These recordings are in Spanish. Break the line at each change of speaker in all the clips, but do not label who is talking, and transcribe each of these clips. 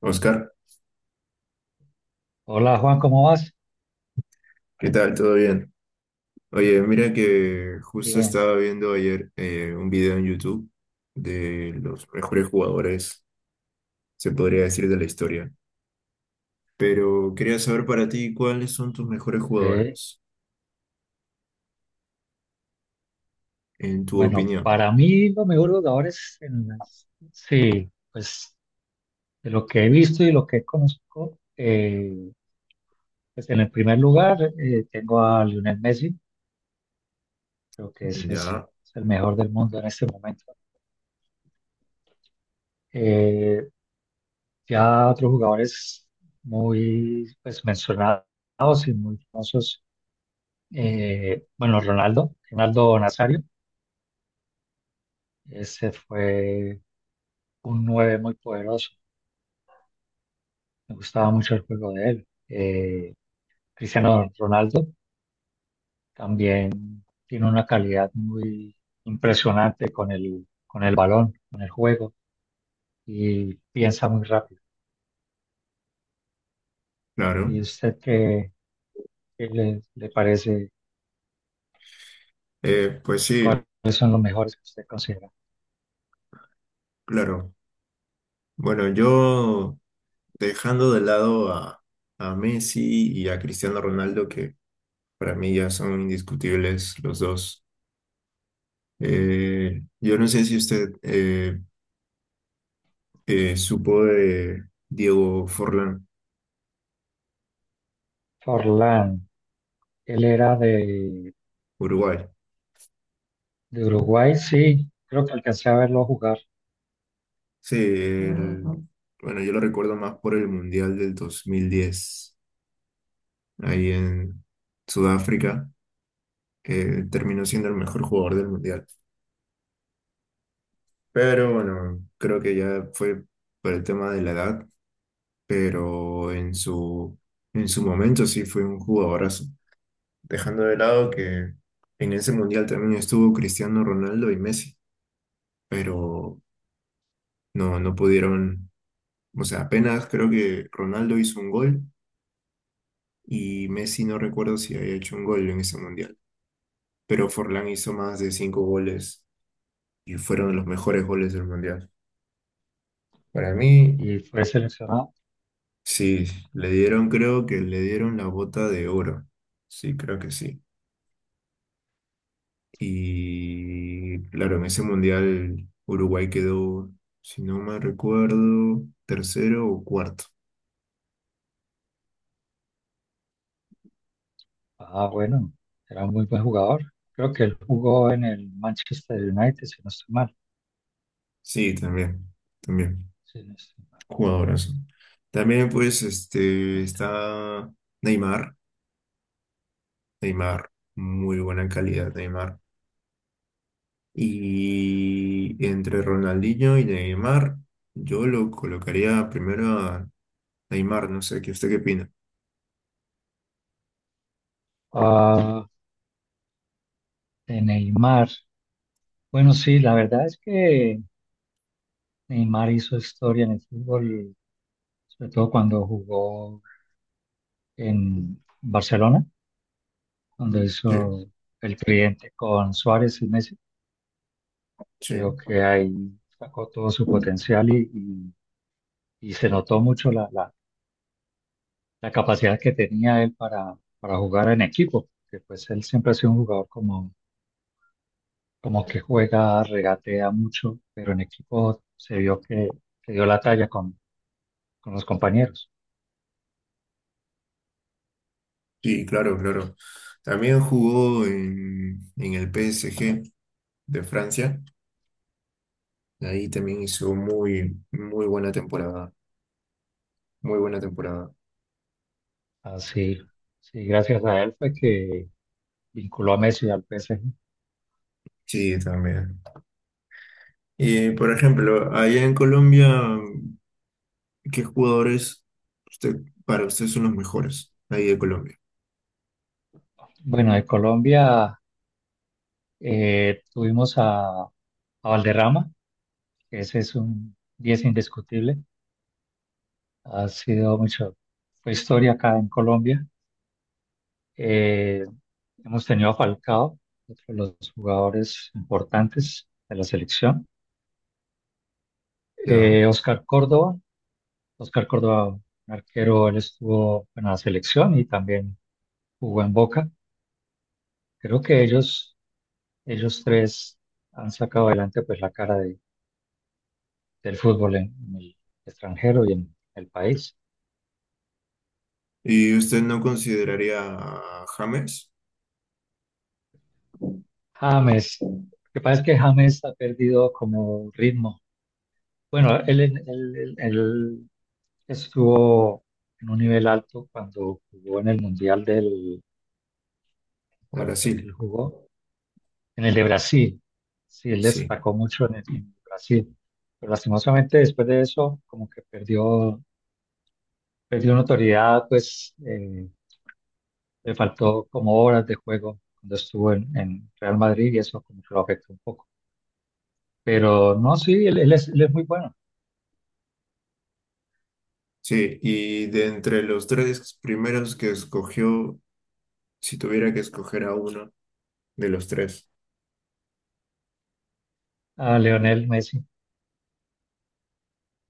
Oscar,
Hola Juan, ¿cómo vas?
¿qué tal? ¿Todo bien? Oye, mira que justo
Bien,
estaba viendo ayer un video en YouTube de los mejores jugadores, se podría decir, de la historia. Pero quería saber para ti cuáles son tus mejores
sí.
jugadores, en tu
Bueno,
opinión.
para mí los mejores jugadores, sí, pues de lo que he visto y lo que conozco, pues en el primer lugar tengo a Lionel Messi. Creo que ese es,
Ya,
es el mejor del mundo en este momento. Eh, ya otros jugadores muy, pues, mencionados y muy famosos. Bueno, Ronaldo, Ronaldo Nazario, ese fue un nueve muy poderoso. Me gustaba mucho el juego de él. Cristiano Ronaldo también tiene una calidad muy impresionante con el balón, con el juego, y piensa muy rápido.
claro.
¿Y usted qué le parece?
Pues sí,
¿Cuáles son los mejores que usted considera?
claro. Bueno, yo dejando de lado a Messi y a Cristiano Ronaldo, que para mí ya son indiscutibles los dos. Yo no sé si usted supo de Diego Forlán,
Forlán, él era de,
Uruguay.
de Uruguay, sí, creo que alcancé a verlo jugar
Sí, ujú. Bueno, yo lo recuerdo más por el Mundial del 2010, ahí en Sudáfrica, que terminó siendo el mejor jugador del Mundial. Pero bueno, creo que ya fue por el tema de la edad, pero en su momento sí fue un jugadorazo. Dejando de lado que en ese Mundial también estuvo Cristiano Ronaldo y Messi, pero no, no pudieron, o sea, apenas creo que Ronaldo hizo un gol y Messi no recuerdo si había hecho un gol en ese mundial, pero Forlán hizo más de cinco goles y fueron los mejores goles del mundial. Para mí,
y fue seleccionado.
sí, le dieron, creo que le dieron la bota de oro, sí, creo que sí. Y claro, en ese mundial Uruguay quedó, si no me recuerdo, tercero o cuarto.
Ah, bueno, era un muy buen jugador. Creo que él jugó en el Manchester United, si no estoy mal.
Sí, también, también.
Sí, no estoy mal.
Jugadorazo. También, pues, está Neymar. Neymar, muy buena calidad, Neymar. Y entre Ronaldinho y Neymar, yo lo colocaría primero a Neymar, no sé, ¿qué usted qué opina?
Ah, de Neymar. Bueno, sí, la verdad es que Neymar hizo historia en el fútbol, sobre todo cuando jugó en Barcelona, cuando
Sí,
hizo el cliente con Suárez y Messi.
sí,
Creo que ahí sacó todo su potencial y se notó mucho la capacidad que tenía él para, jugar en equipo, que pues él siempre ha sido un jugador como que juega, regatea mucho, pero en equipo se vio que dio la talla con los compañeros.
sí, claro, claro. También jugó en, el PSG de Francia. Ahí también hizo muy, muy buena temporada. Muy buena temporada.
Así, sí, sí, gracias a él fue que vinculó a Messi al PSG.
Sí, también. Y, por ejemplo, allá en Colombia, ¿qué jugadores usted, para usted son los mejores ahí de Colombia?
Bueno, de Colombia tuvimos a, Valderrama, que ese es un 10 indiscutible. Ha sido mucho, fue historia acá en Colombia. Eh, Hemos tenido a Falcao, otro de los jugadores importantes de la selección.
Ya.
Oscar Córdoba, Oscar Córdoba, un arquero, él estuvo en la selección y también jugó en Boca. Creo que ellos tres han sacado adelante pues la cara del fútbol en el extranjero y en el país.
¿Y usted no consideraría a James
James, lo que pasa es que James ha perdido como ritmo. Bueno, él estuvo en un nivel alto cuando jugó en el Mundial del.
de
¿Cuál fue que
Brasil?
él jugó? En el de Brasil, sí, él
Sí.
destacó mucho en Brasil, pero lastimosamente después de eso como que perdió notoriedad, pues, le faltó como horas de juego cuando estuvo en Real Madrid y eso como que lo afectó un poco. Pero no, sí, él es muy bueno.
Sí, y de entre los tres primeros que escogió, si tuviera que escoger a uno de los tres,
A Leonel Messi,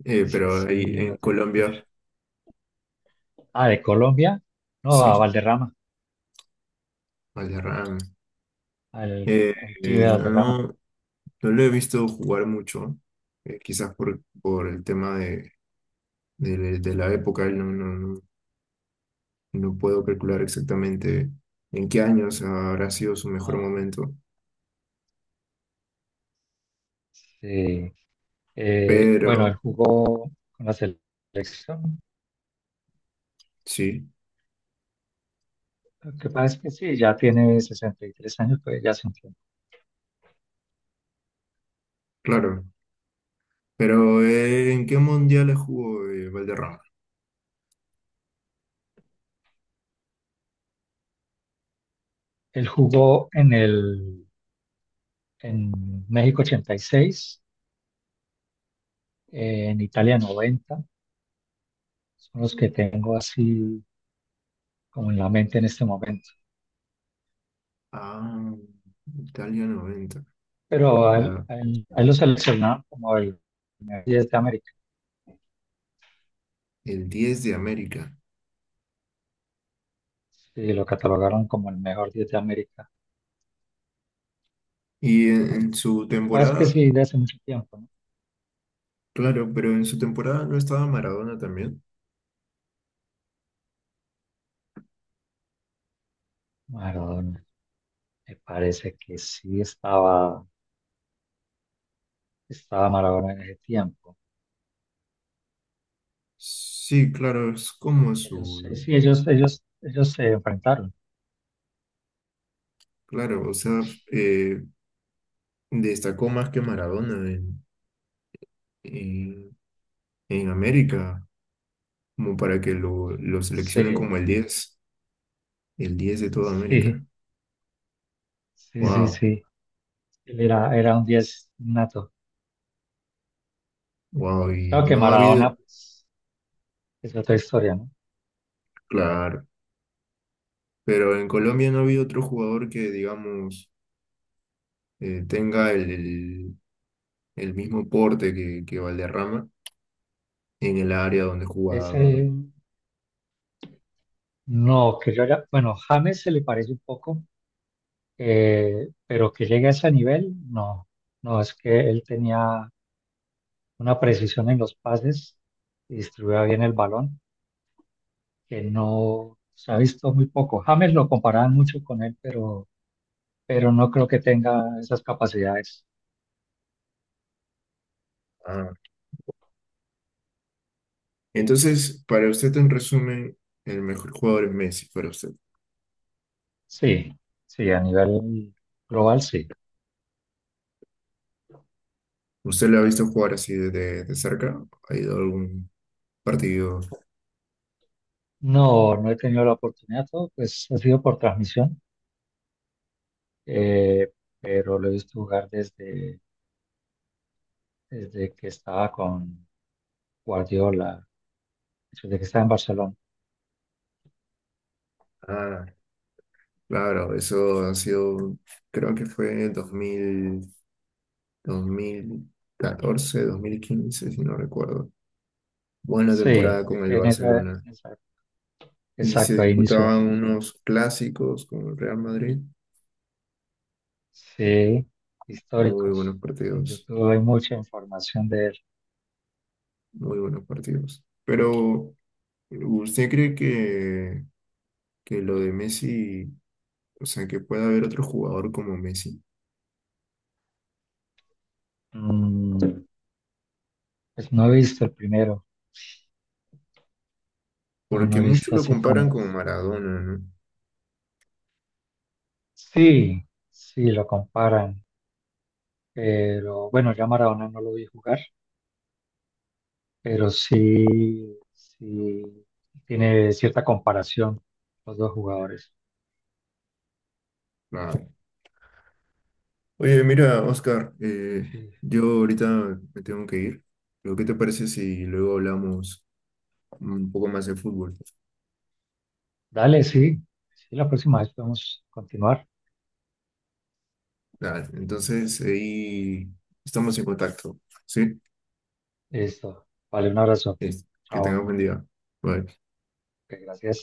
eso
pero
sí
ahí en
lo tengo claro.
Colombia,
Ah, de Colombia, no, a
sí,
Valderrama,
Valderrama.
al,
Eh,
al pibe
no,
Valderrama.
no lo he visto jugar mucho, quizás por, el tema de de la época, no, no, no, no puedo calcular exactamente en qué años habrá sido su mejor
Ah,
momento,
sí. Bueno, él
pero
jugó con la selección.
sí,
Lo que pasa es que sí, ya tiene 63 años, pues ya se entiende.
claro. Pero ¿en qué mundiales jugó Valderrama?
Él jugó en México 86, en Italia 90. Son los que tengo así como en la mente en este momento.
Ah, Italia 90.
Pero a él,
la-
a él- a él lo seleccionaron como el mejor 10 de América
el 10 de América.
y lo catalogaron como el mejor 10 de América.
Y en, su
Lo que pasa es que
temporada,
sí, de hace mucho tiempo, ¿no?
claro, pero en su temporada no estaba Maradona también.
Maradona, me parece que sí estaba, Maradona en ese tiempo.
Sí, claro, es como
Sí, ellos se enfrentaron.
claro, o sea, eh, destacó más que Maradona en, en, América, como para que lo seleccionen
Sí,
como el diez de toda América.
sí, sí, sí,
Wow,
sí. Él era un 10 nato.
wow, y
Claro que
no ha
Maradona,
habido,
pues, es otra historia, ¿no?
claro, pero en Colombia no ha habido otro jugador que, digamos, tenga el mismo porte que Valderrama en el área donde
Ese,
jugaba.
no, bueno, James se le parece un poco, pero que llegue a ese nivel, no. No, es que él tenía una precisión en los pases y distribuía bien el balón, que no se ha visto muy poco. James lo comparaban mucho con él, pero no creo que tenga esas capacidades.
Ah, entonces, para usted, en resumen, el mejor jugador es Messi, para usted.
Sí, sí, a nivel global sí.
¿Usted lo ha visto jugar así de cerca? ¿Ha ido a algún partido?
No, no he tenido la oportunidad, todo pues ha sido por transmisión. eh, pero lo he visto jugar desde, que estaba con Guardiola, desde que estaba en Barcelona.
Ah, claro, eso ha sido, creo que fue dos mil catorce, 2015, si no recuerdo. Buena
Sí,
temporada con el
en esa, en
Barcelona.
esa-
Y se
exacto, ahí inició
disputaban
prácticamente.
unos clásicos con el Real Madrid.
Sí,
Muy buenos
históricos. En
partidos,
YouTube hay mucha información de él.
muy buenos partidos. Pero, ¿usted cree que, lo de Messi, o sea, que pueda haber otro jugador como Messi?
Mm, pues no he visto el primero, no, no
Porque
he
muchos
visto
lo
así
comparan
como
con
es.
Maradona, ¿no?
Sí, sí, lo comparan. Pero bueno, ya Maradona no lo vi jugar, pero sí, sí tiene cierta comparación los dos jugadores.
Ah, oye, mira, Oscar,
Sí.
yo ahorita me tengo que ir. Pero ¿qué te parece si luego hablamos un poco más de fútbol?
Dale, sí, sí, la próxima vez podemos continuar.
Nada, entonces ahí estamos en contacto, ¿sí?
Listo. Vale, un abrazo.
Es- Que tengas
Chao.
buen día. Bye.
Ok, gracias.